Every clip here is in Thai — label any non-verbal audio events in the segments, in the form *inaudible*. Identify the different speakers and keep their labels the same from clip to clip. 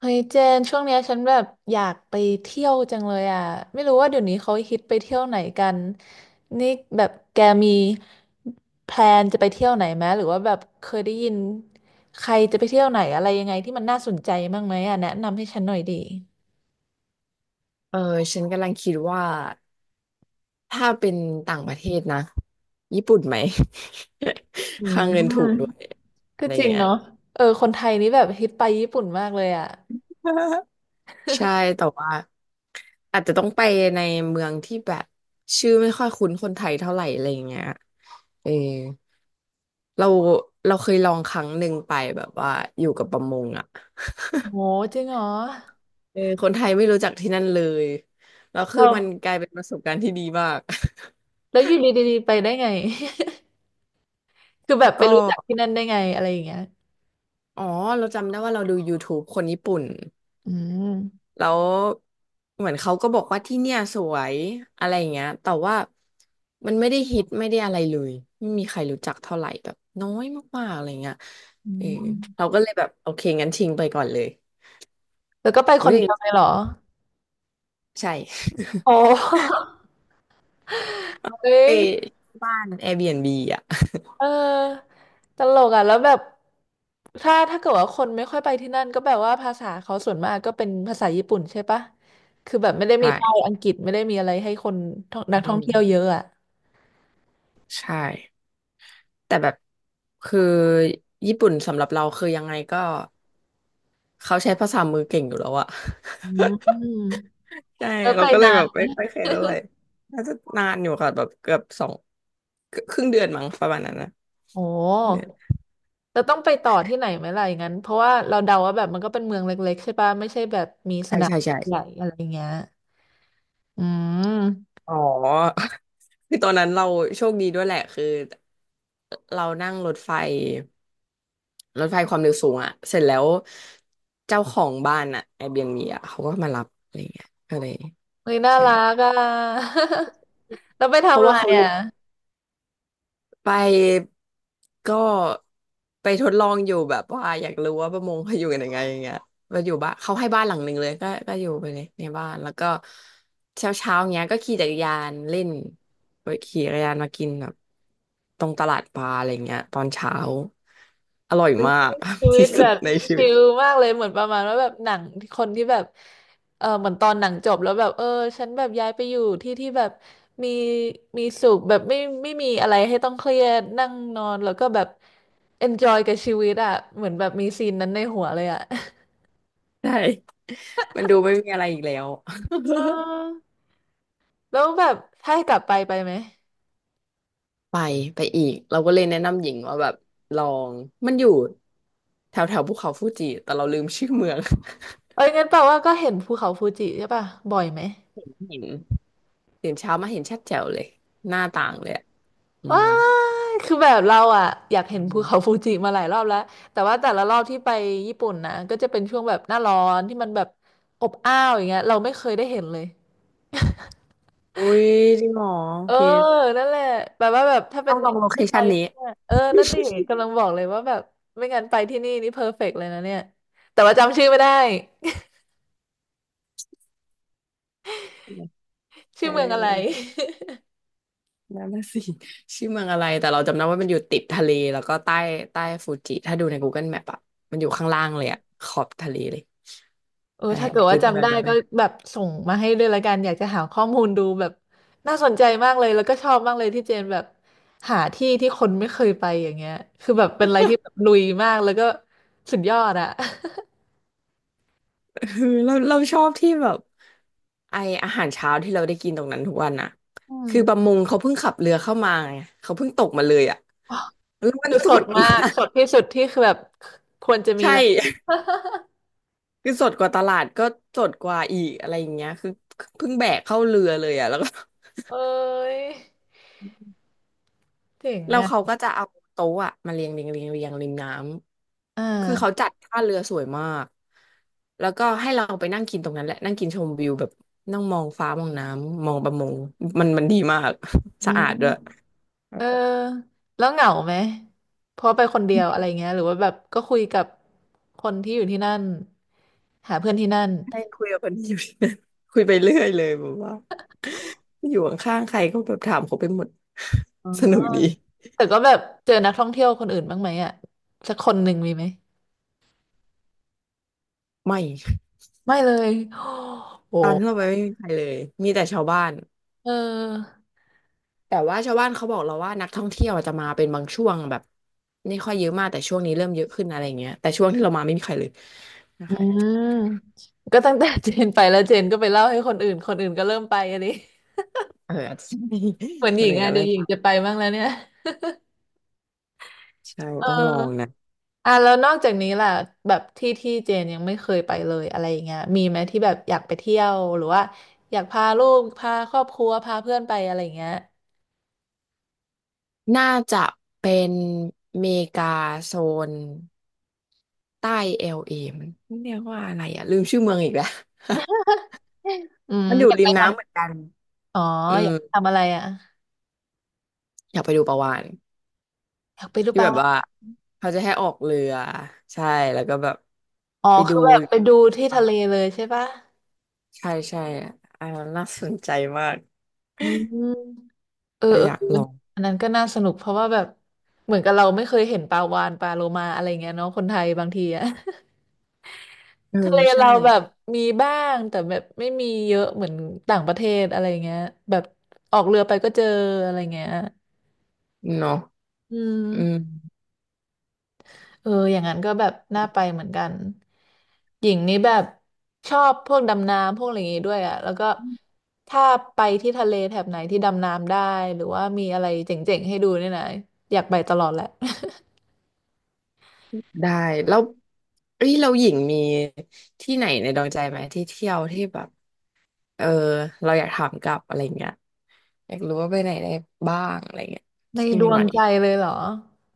Speaker 1: เฮ้ยเจนช่วงเนี้ยฉันแบบอยากไปเที่ยวจังเลยอ่ะไม่รู้ว่าเดี๋ยวนี้เขาฮิตไปเที่ยวไหนกันนี่แบบแกมีแพลนจะไปเที่ยวไหนไหมหรือว่าแบบเคยได้ยินใครจะไปเที่ยวไหนอะไรยังไงที่มันน่าสนใจบ้างไหมอ่ะแนะนำให้ฉันหน่อยดี
Speaker 2: เออฉันกำลังคิดว่าถ้าเป็นต่างประเทศนะญี่ปุ่นไหม
Speaker 1: อื
Speaker 2: *laughs* ค่าเงินถูกด้ว
Speaker 1: ม
Speaker 2: ยอะ
Speaker 1: ก็
Speaker 2: ไร
Speaker 1: จริง
Speaker 2: เงี้ย
Speaker 1: เนาะเออคนไทยนี่แบบฮิตไปญี่ปุ่นมากเลยอ่ะ
Speaker 2: ใช่แต่ว่าอาจจะต้องไปในเมืองที่แบบชื่อไม่ค่อยคุ้นคนไทยเท่าไหร่อะไรเงี้ยเออเราเราเคยลองครั้งหนึ่งไปแบบว่าอยู่กับประมงอ่ะ
Speaker 1: โห
Speaker 2: *laughs*
Speaker 1: จริงเหรอ
Speaker 2: เออคนไทยไม่รู้จักที่นั่นเลยแล้ว
Speaker 1: เ
Speaker 2: คือมัน
Speaker 1: อา
Speaker 2: กลายเป็นประสบการณ์ที่ดีมาก
Speaker 1: แล้วอยู่ดีๆไปได้ไง *laughs* คือแบบ
Speaker 2: *laughs*
Speaker 1: ไป
Speaker 2: ก็
Speaker 1: รู้จักที่นั่นได้ไงอะไรอย่างเงี้ย
Speaker 2: อ๋อเราจำได้ว่าเราดูยูทูบคนญี่ปุ่น
Speaker 1: อืม
Speaker 2: แล้วเหมือนเขาก็บอกว่าที่เนี่ยสวยอะไรอย่างเงี้ยแต่ว่ามันไม่ได้ฮิตไม่ได้อะไรเลยไม่มีใครรู้จักเท่าไหร่แบบน้อยมากๆอะไรเงี้ย
Speaker 1: อื
Speaker 2: เออเรา
Speaker 1: ม
Speaker 2: ก็เลยแบบโอเคงั้นทิ้งไปก่อนเลย
Speaker 1: หรือก็ไปค
Speaker 2: อุ๊
Speaker 1: น
Speaker 2: ย
Speaker 1: เดียวเลยเหรอ
Speaker 2: ใช่
Speaker 1: โอ้ *laughs*
Speaker 2: *laughs*
Speaker 1: เฮ้
Speaker 2: ไป
Speaker 1: ย
Speaker 2: บ้าน Airbnb อ่ะ
Speaker 1: เออ ตลกอ่ะแล้วแบบถ้าเกิดว่าคนไม่ค่อยไปที่นั่นก็แบบว่าภาษาเขาส่วนมากก็เป็นภาษาญี่ปุ่นใช่ปะ คือแบบไม่ได้
Speaker 2: *laughs*
Speaker 1: มี
Speaker 2: ใช่
Speaker 1: ป้ายอังกฤษไม่ได้มีอะไรให้คนท่องนักท่
Speaker 2: ไม่
Speaker 1: อง
Speaker 2: มี
Speaker 1: เที่ยวเยอะอ่ะ
Speaker 2: ใช่แต่แบบคือญี่ปุ่นสำหรับเราคือยังไงก็เขาใช้ภาษามือเก่งอยู่แล้วอะ *laughs*
Speaker 1: อืม
Speaker 2: ใช่
Speaker 1: แล้ว
Speaker 2: เรา
Speaker 1: ไป
Speaker 2: ก็เล
Speaker 1: นา
Speaker 2: ยแบ
Speaker 1: น
Speaker 2: บ
Speaker 1: ไหม
Speaker 2: ไม่ค่อยแคร์เท่าไหร่น่าจะนานอยู่ค่ะแบบเกือบสองครึ่งเดือนมั้งประมาณนั้นนะ
Speaker 1: โอ
Speaker 2: เนี่ย
Speaker 1: ้เราต้องไปต่อที่ไหนไหมล่ะอย่างนั้นเพราะว่าเราเดาว่าแบบมันก็เป็นเมืองเล็กๆใช่ปะไม่ใช่แบบมีส
Speaker 2: ใช่
Speaker 1: นาม
Speaker 2: ใช่ใช่
Speaker 1: ใหญ่อะไรเงี้ยอืม
Speaker 2: อ๋อ *laughs* คือตอนนั้นเราโชคดีด้วยแหละคือเรานั่งรถไฟความเร็วสูงอ่ะเสร็จแล้วเจ้าของบ้านอ่ะ Airbnb อ่ะเขาก็มารับอะไรเงี้ยก็เลย
Speaker 1: เฮ้ยน่า
Speaker 2: ใช่
Speaker 1: รักอ่ะ *laughs* แล้วไป
Speaker 2: เพ
Speaker 1: ทำ
Speaker 2: ราะ
Speaker 1: อะ
Speaker 2: ว่า
Speaker 1: ไร
Speaker 2: เขา
Speaker 1: อ่ะ
Speaker 2: รู้ ไปก็ไปทดลองอยู่แบบว่าอยากรู้ว่าประมงเขาอยู่กันยังไงอย่างเงี้ยมาอยู่บ้านเขาให้บ้านหลังหนึ่งเลยก็อยู่ไปเลยในบ้านแล้วก็เช้าเช้าเงี้ยก็ขี่จักรยานเล่นไปขี่จักรยานมากินแบบตรงตลาดปลาอะไรเงี้ยตอนเช้าอร่อยมาก
Speaker 1: ชี
Speaker 2: *laughs*
Speaker 1: วิต
Speaker 2: ที่สุ
Speaker 1: แบ
Speaker 2: ด
Speaker 1: บ
Speaker 2: ในชี
Speaker 1: ชิ
Speaker 2: วิต
Speaker 1: ลมากเลยเหมือนประมาณว่าแบบหนังคนที่แบบเออเหมือนตอนหนังจบแล้วแบบเออฉันแบบย้ายไปอยู่ที่ที่แบบมีมีสุขแบบไม่มีอะไรให้ต้องเครียดนั่งนอนแล้วก็แบบ enjoy กับชีวิตอ่ะเหมือนแบบมีซีนนั้นในหัวเลยอ่ะ
Speaker 2: ใช่มันดูไม่มีอะไรอีกแล้ว
Speaker 1: เอ
Speaker 2: *laughs*
Speaker 1: อ *laughs* แล้วแบบถ้าให้กลับไปไปไหม
Speaker 2: ไปไปอีกเราก็เลยแนะนำหญิงว่าแบบลองมันอยู่แถวแถวภูเขาฟูจิแต่เราลืมชื่อเมือง
Speaker 1: เอ้ยงั้นแปลว่าก็เห็นภูเขาฟูจิใช่ป่ะบ่อยไหม
Speaker 2: *laughs* เห็นตื่นเช้ามาเห็นชัดแจ๋วเลยหน้าต่างเลยอะอื
Speaker 1: ว้า
Speaker 2: ม
Speaker 1: ยคือแบบเราอ่ะอยากเห็
Speaker 2: อื
Speaker 1: นภูเขา
Speaker 2: ม
Speaker 1: ฟูจิมาหลายรอบแล้วแต่ว่าแต่ละรอบที่ไปญี่ปุ่นนะก็จะเป็นช่วงแบบหน้าร้อนที่มันแบบอบอ้าวอย่างเงี้ยเราไม่เคยได้เห็นเลย
Speaker 2: อุ้ยจริงเหรอโอ
Speaker 1: เออ
Speaker 2: เค
Speaker 1: นั่นแหละแบบว่าแบบถ้าเป็
Speaker 2: ต้อ
Speaker 1: น
Speaker 2: งลองโลเค
Speaker 1: ที่ไป
Speaker 2: ชั่นนี้
Speaker 1: ที่เนี่ยเออนั่นดิกำลังบอกเลยว่าแบบไม่งั้นไปที่นี่นี่เพอร์เฟกต์เลยนะเนี่ยแต่ว่าจำชื่อไม่ได้ *laughs* ชื่
Speaker 2: เอ
Speaker 1: อเมืองอะไร
Speaker 2: อนั่นน่ะสิ *laughs* ชื่อเมืองอะไรแต่เราจำได้ว่ามันอยู่ติดทะเลแล้วก็ใต้ใต้ฟูจิถ้าดูใน Google Map อะมันอยู่ข้างล่างเลยอะขอบทะเลเลย
Speaker 1: เออ
Speaker 2: ใช่
Speaker 1: ถ้าเกิด
Speaker 2: คื
Speaker 1: ว่า
Speaker 2: อเมื
Speaker 1: จำ
Speaker 2: อง
Speaker 1: ได้
Speaker 2: นัน
Speaker 1: ก็แบบส่งมาให้ด้วยละกันอยากจะหาข้อมูลดูแบบน่าสนใจมากเลยแล้วก็ชอบมากเลยที่เจนแบบหาที่ที่คนไม่เคยไปอย่างเงี้ยคือแบบเป็นอะไรที่แบบลุยมากแล้วก็สุดยอดอะ
Speaker 2: *laughs* เออเราชอบที่แบบไออาหารเช้าที่เราได้กินตรงนั้นทุกวันน่ะ
Speaker 1: *laughs* อืม
Speaker 2: คือประมงเขาเพิ่งขับเรือเข้ามาไงเขาเพิ่งตกมาเลยอ่ะ
Speaker 1: อ๋อ
Speaker 2: แล้วมัน
Speaker 1: คือ
Speaker 2: ส
Speaker 1: สด
Speaker 2: ด
Speaker 1: มา
Speaker 2: มา
Speaker 1: ก
Speaker 2: ก
Speaker 1: สดที่สุดที่คือแบบควรจะ
Speaker 2: *laughs*
Speaker 1: มี
Speaker 2: ใช่
Speaker 1: แล้ว *laughs*
Speaker 2: *laughs* คือสดกว่าตลาดก็สดกว่าอีกอะไรอย่างเงี้ยคือเพิ่งแบกเข้าเรือเลยอ่ะแล้วก็
Speaker 1: เอ้ยเจ๋ง
Speaker 2: แล้ว
Speaker 1: อะ
Speaker 2: เขาก็จะเอาโต๊ะอ่ะมาเรียงริมน้
Speaker 1: อ่
Speaker 2: ำคือเขา
Speaker 1: า
Speaker 2: จัดท่าเรือสวยมากแล้วก็ให้เราไปนั่งกินตรงนั้นแหละนั่งกินชมวิวแบบนั่งมองฟ้ามองน้ำมองประมงมันดีมาก
Speaker 1: อื
Speaker 2: *laughs* สะ
Speaker 1: ม
Speaker 2: อาดด้วย
Speaker 1: เออแล้วเหงาไหมเพราะไปคนเดียวอะไรเงี้ยหรือว่าแบบก็คุยกับคนที่อยู่ที่นั่นหาเพื่อนที่นั่น
Speaker 2: ให้คุยกับคนที่อยู่ *laughs* คุยไปเรื่อยเลยแบบว่าอยู่ข้างๆใครก็แบบถามเขาไปหมด
Speaker 1: อ๋อ
Speaker 2: *laughs* สนุกดี
Speaker 1: แต่ก็แบบเจอนักท่องเที่ยวคนอื่นบ้างไหมอ่ะสักคนหนึ่งมีไหม
Speaker 2: ไม่
Speaker 1: ไม่เลยโอ้
Speaker 2: ตอนที่เรา
Speaker 1: โห
Speaker 2: ไปไม่มีใครเลยมีแต่ชาวบ้าน
Speaker 1: เออ
Speaker 2: แต่ว่าชาวบ้านเขาบอกเราว่านักท่องเที่ยวจะมาเป็นบางช่วงแบบไม่ค่อยเยอะมากแต่ช่วงนี้เริ่มเยอะขึ้นอะไรอย่างเงี้ยแต่ช่วงที่เรามาไม่มีใครเลยนะ
Speaker 1: อืม
Speaker 2: คะ
Speaker 1: ก็ตั้งแต่เจนไปแล้วเจนก็ไปเล่าให้คนอื่นคนอื่นก็เริ่มไปอันนี้ *laughs*
Speaker 2: เอออาจจะ
Speaker 1: เหมือน
Speaker 2: *laughs*
Speaker 1: ห
Speaker 2: มั
Speaker 1: ญิ
Speaker 2: นห *laughs*
Speaker 1: ง
Speaker 2: นึ่ง
Speaker 1: อ่ะ
Speaker 2: กัน
Speaker 1: เดี๋ย
Speaker 2: เรื่อ
Speaker 1: ว
Speaker 2: ง
Speaker 1: หญิงจะไปบ้างแล้วเนี่ย
Speaker 2: ใช่
Speaker 1: เอ
Speaker 2: ต้องลอง
Speaker 1: อ
Speaker 2: นะ
Speaker 1: อ่ะแล้วนอกจากนี้ล่ะแบบที่ที่เจนยังไม่เคยไปเลยอะไรอย่างเงี้ยมีไหมที่แบบอยากไปเที่ยวหรือว่าอยากพาลูกพาครอบครัวพาเพื่อนไปอะไรอย่างเงี้ย
Speaker 2: น่าจะเป็นเมกาโซนใต้เอลเอมันเรียกว่าอะไรอ่ะลืมชื่อเมืองอีกแล้ว
Speaker 1: *laughs* อืม
Speaker 2: มันอยู่
Speaker 1: อยาก
Speaker 2: ริ
Speaker 1: ไป
Speaker 2: มน้ำเหมื
Speaker 1: ท
Speaker 2: อนกัน
Speaker 1: ำอ๋อ
Speaker 2: อื
Speaker 1: อ
Speaker 2: ม
Speaker 1: ยากทำอะไรอ่ะ
Speaker 2: อยากไปดูปลาวาฬ
Speaker 1: อยากไปดู
Speaker 2: ที่
Speaker 1: ปลา
Speaker 2: แบบ
Speaker 1: วา
Speaker 2: ว่า
Speaker 1: ฬ
Speaker 2: เขาจะให้ออกเรือใช่แล้วก็แบบ
Speaker 1: อ๋อ
Speaker 2: ไปดู
Speaker 1: คือแบบไปดู
Speaker 2: ปลา
Speaker 1: ที่
Speaker 2: วา
Speaker 1: ทะเล
Speaker 2: ฬ
Speaker 1: เลยใช่ปะ
Speaker 2: ใช่อ่าน่าสนใจมาก
Speaker 1: อืม
Speaker 2: *laughs*
Speaker 1: เออ
Speaker 2: เรา
Speaker 1: เออ
Speaker 2: อยากลอง
Speaker 1: อันนั้นก็น่าสนุกเพราะว่าแบบเหมือนกับเราไม่เคยเห็นปลาวาฬปลาโลมาอะไรเงี้ยเนาะคนไทยบางทีอ่ะ
Speaker 2: เออ
Speaker 1: ทะเล
Speaker 2: ใช่
Speaker 1: เราแบบมีบ้างแต่แบบไม่มีเยอะเหมือนต่างประเทศอะไรเงี้ยแบบออกเรือไปก็เจออะไรเงี้ย
Speaker 2: เนาะ
Speaker 1: อื
Speaker 2: อื
Speaker 1: ม
Speaker 2: ม
Speaker 1: เอออย่างนั้นก็แบบน่าไปเหมือนกันหญิงนี่แบบชอบพวกดำน้ำพวกอะไรอย่างงี้ด้วยอ่ะแล้วก็ถ้าไปที่ทะเลแถบไหนที่ดำน้ำได้หรือว่ามีอะไรเจ๋งๆให้ดูเนี่ยนะอยากไปตลอดแหละ
Speaker 2: ได้แล้วเอ้ยเราหญิงมีที่ไหนในดวงใจไหมที่เที่ยวที่แบบเออเราอยากถามกลับอะไรเงี้ยอยากรู้ว่าไปไหนได้บ้างอะไรเงี้ย
Speaker 1: *laughs* ใน
Speaker 2: ที่
Speaker 1: ดว
Speaker 2: ให
Speaker 1: ง
Speaker 2: ม่
Speaker 1: ใจเลยเหรอ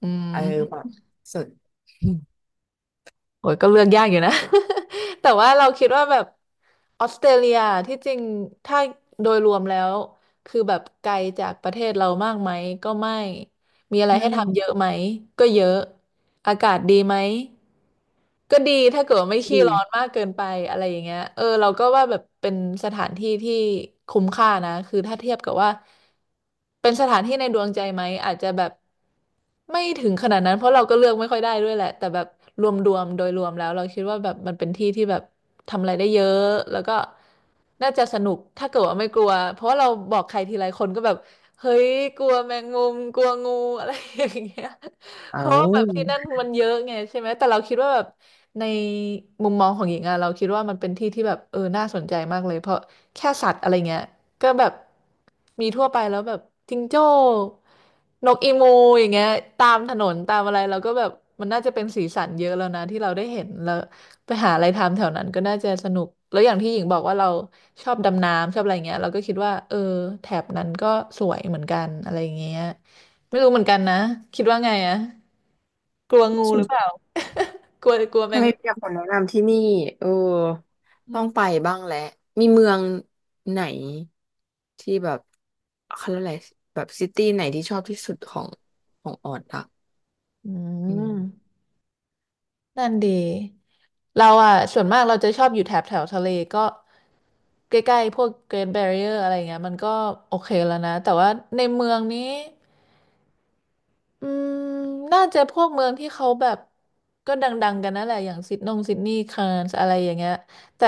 Speaker 1: อื
Speaker 2: ๆ
Speaker 1: ม
Speaker 2: เออแบบสุดอืม
Speaker 1: โอ้ยก็เลือกยากอยู่นะ *laughs* แต่ว่าเราคิดว่าแบบออสเตรเลียที่จริงถ้าโดยรวมแล้วคือแบบไกลจากประเทศเรามากไหมก็ไม่มีอะไร
Speaker 2: ใช
Speaker 1: ให้ทำเย
Speaker 2: ่
Speaker 1: อะไหมก็เยอะอากาศดีไหม ก็ดีถ้าเกิดว่าไม่
Speaker 2: *laughs*
Speaker 1: ขี้ร้อน
Speaker 2: ดี
Speaker 1: มากเกินไปอะไรอย่างเงี้ยเราก็ว่าแบบเป็นสถานที่ที่คุ้มค่านะคือถ้าเทียบกับว่าเป็นสถานที่ในดวงใจไหมอาจจะแบบไม่ถึงขนาดนั้นเพราะเราก็เลือกไม่ค่อยได้ด้วยแหละแต่แบบรวมๆโดยรวมแล้วเราคิดว่าแบบมันเป็นที่ที่แบบทำอะไรได้เยอะแล้วก็น่าจะสนุกถ้าเกิดว่าไม่กลัวเพราะว่าเราบอกใครทีไรคนก็แบบเฮ้ยกลัวแมงมุมกลัวงูอะไรอย่างเงี้ย เพราะ
Speaker 2: เอา
Speaker 1: ว่าแบบที่นั่นมันเยอะไงใช่ไหมแต่เราคิดว่าแบบในมุมมองของหญิงอะเราคิดว่ามันเป็นที่ที่แบบน่าสนใจมากเลยเพราะแค่สัตว์อะไรเงี้ยก็แบบมีทั่วไปแล้วแบบจิงโจ้นกอีมูอย่างเงี้ยตามถนนตามอะไรเราก็แบบมันน่าจะเป็นสีสันเยอะแล้วนะที่เราได้เห็นแล้วไปหาอะไรทำแถวนั้นก็น่าจะสนุกแล้วอย่างที่หญิงบอกว่าเราชอบดำน้ำชอบอะไรเงี้ยเราก็คิดว่าแถบนั้นก็สวยเหมือนกันอะไรเงี้ยไม่รู้เหมือนกันนะคิดว่าไงอะ กลัวงูห
Speaker 2: สุ
Speaker 1: รือเปล่า
Speaker 2: ด
Speaker 1: กลัวกลัวแม
Speaker 2: ถ้า
Speaker 1: ง
Speaker 2: ไม่มีแต่คนแนะนำที่นี่ เออ
Speaker 1: มุม
Speaker 2: ต้องไปบ้างแหละมีเมืองไหนที่แบบเขาเรียกอะไรแบบซิตี้ไหนที่ชอบที่สุดของของออดอะ
Speaker 1: อื
Speaker 2: อื
Speaker 1: ม
Speaker 2: ม
Speaker 1: นั่นดีเราอ่ะส่วนมากเราจะชอบอยู่แถบแถวทะเลก็ใกล้ๆพวก Great Barrier อะไรเงี้ยมันก็โอเคแล้วนะแต่ว่าในเมืองนี้อืมน่าจะพวกเมืองที่เขาแบบก็ดังๆกันนั่นแหละอย่างซิดนีย์คานส์อะไรอย่างเงี้ยแต่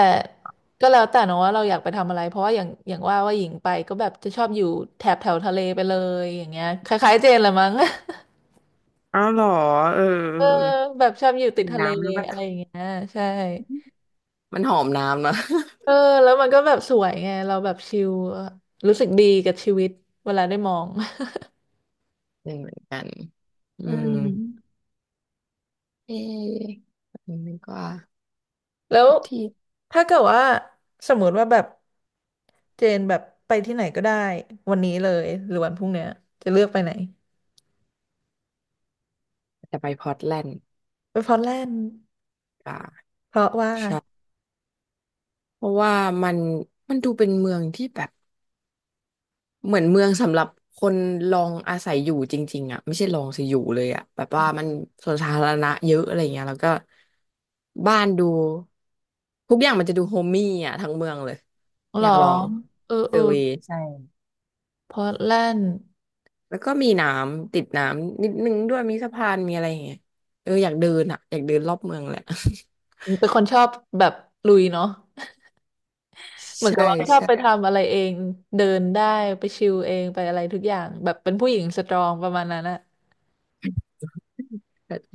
Speaker 1: ก็แล้วแต่เนอะว่าเราอยากไปทำอะไรเพราะว่าอย่างว่าหญิงไปก็แบบจะชอบอยู่แถบแถวทะเลไปเลยอย่างเงี้ยคล้ายๆเจนเลยมั้ง
Speaker 2: อ้าวเหรอเออ
Speaker 1: เออ
Speaker 2: เออ
Speaker 1: แบบชอบอยู่ติด
Speaker 2: กิน
Speaker 1: ทะเล
Speaker 2: น้ำแล้วมัน
Speaker 1: อะไรอย่างเงี้ยใช่
Speaker 2: มันหอมน้ำนะ
Speaker 1: เออแล้วมันก็แบบสวยไงเราแบบชิลรู้สึกดีกับชีวิตเวลาได้มอง
Speaker 2: *laughs* หนึ่งเหมือนกัน
Speaker 1: *laughs*
Speaker 2: อื
Speaker 1: อื
Speaker 2: ม
Speaker 1: ม
Speaker 2: เอ๊ะอันนี้ก็
Speaker 1: แล้ว
Speaker 2: ที่
Speaker 1: ถ้าเกิดว่าสมมติว่าแบบเจนแบบไปที่ไหนก็ได้วันนี้เลยหรือวันพรุ่งเนี้ยจะเลือกไปไหน
Speaker 2: จะไปพอร์ตแลนด์
Speaker 1: ไปพอร์ตแลนด์
Speaker 2: อ่า
Speaker 1: เพราะว่า
Speaker 2: ใช่เพราะว่ามันมันดูเป็นเมืองที่แบบ เหมือนเมืองสำหรับคนลองอาศัยอยู่จริงๆอ่ะไม่ใช่ลองสิอยู่เลยอ่ะแบบว่ามันสวนสาธารณะเยอะอะไรเงี้ยแล้วก็บ้านดูทุกอย่างมันจะดูโฮมมี่อ่ะทั้งเมืองเลย
Speaker 1: ห
Speaker 2: อ
Speaker 1: รอ
Speaker 2: ยากลอง
Speaker 1: เออ
Speaker 2: เซ
Speaker 1: เอ
Speaker 2: อ
Speaker 1: อ
Speaker 2: ร์เวย์ใช่
Speaker 1: พอร์ตแลนด์
Speaker 2: แล้วก็มีน้ำติดน้ำนิดนึงด้วยมีสะพานมีอะไรอย่างเงี้ยเอออยากเดินอ่ะอยากเดินรอบเมืองแหละ
Speaker 1: เป็นคนชอบแบบลุยเนาะ
Speaker 2: *laughs*
Speaker 1: เหมือนกั
Speaker 2: ใช่
Speaker 1: บว่าชอบ
Speaker 2: ใช่
Speaker 1: ไปทำอะไรเองเดินได้ไปชิลเองไปอะไรทุกอย่างแบบเป็นผู้หญิงสตรองประมาณนั้นอะ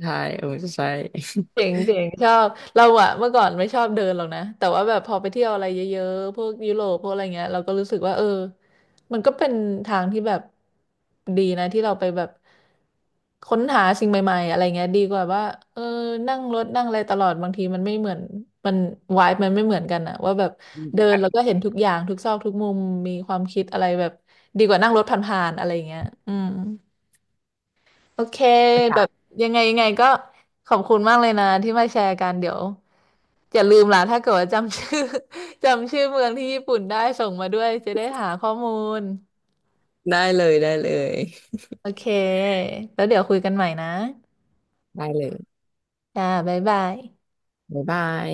Speaker 2: ใช่เออใช่
Speaker 1: เจ๋งชอบเราอะเมื่อก่อนไม่ชอบเดินหรอกนะแต่ว่าแบบพอไปเที่ยวอะไรเยอะๆพวกยุโรปพวกอะไรเงี้ยเราก็รู้สึกว่ามันก็เป็นทางที่แบบดีนะที่เราไปแบบค้นหาสิ่งใหม่ๆอะไรเงี้ยดีกว่าว่าเออนั่งรถนั่งอะไรตลอดบางทีมันไม่เหมือนมันวายมันไม่เหมือนกันอะว่าแบบ
Speaker 2: *laughs* อม
Speaker 1: เดินแล้วก็เห็นทุกอย่างทุกซอกทุกมุมมีความคิดอะไรแบบดีกว่านั่งรถผ่านๆอะไรเงี้ยอืม โอเคแบ
Speaker 2: กาศ
Speaker 1: บยังไงก็ขอบคุณมากเลยนะที่มาแชร์กันเดี๋ยวอย่าลืมล่ะถ้าเกิดว่าจำชื่อ *laughs* จำชื่อเมืองที่ญี่ปุ่นได้ส่งมาด้วยจะได้หาข้อมูล
Speaker 2: *laughs* ได้เลยได้เลย
Speaker 1: โอเคแล้วเดี๋ยวคุยกันใหม่นะ
Speaker 2: ได้เลย
Speaker 1: จ้าบ๊ายบาย
Speaker 2: บ๊ายบาย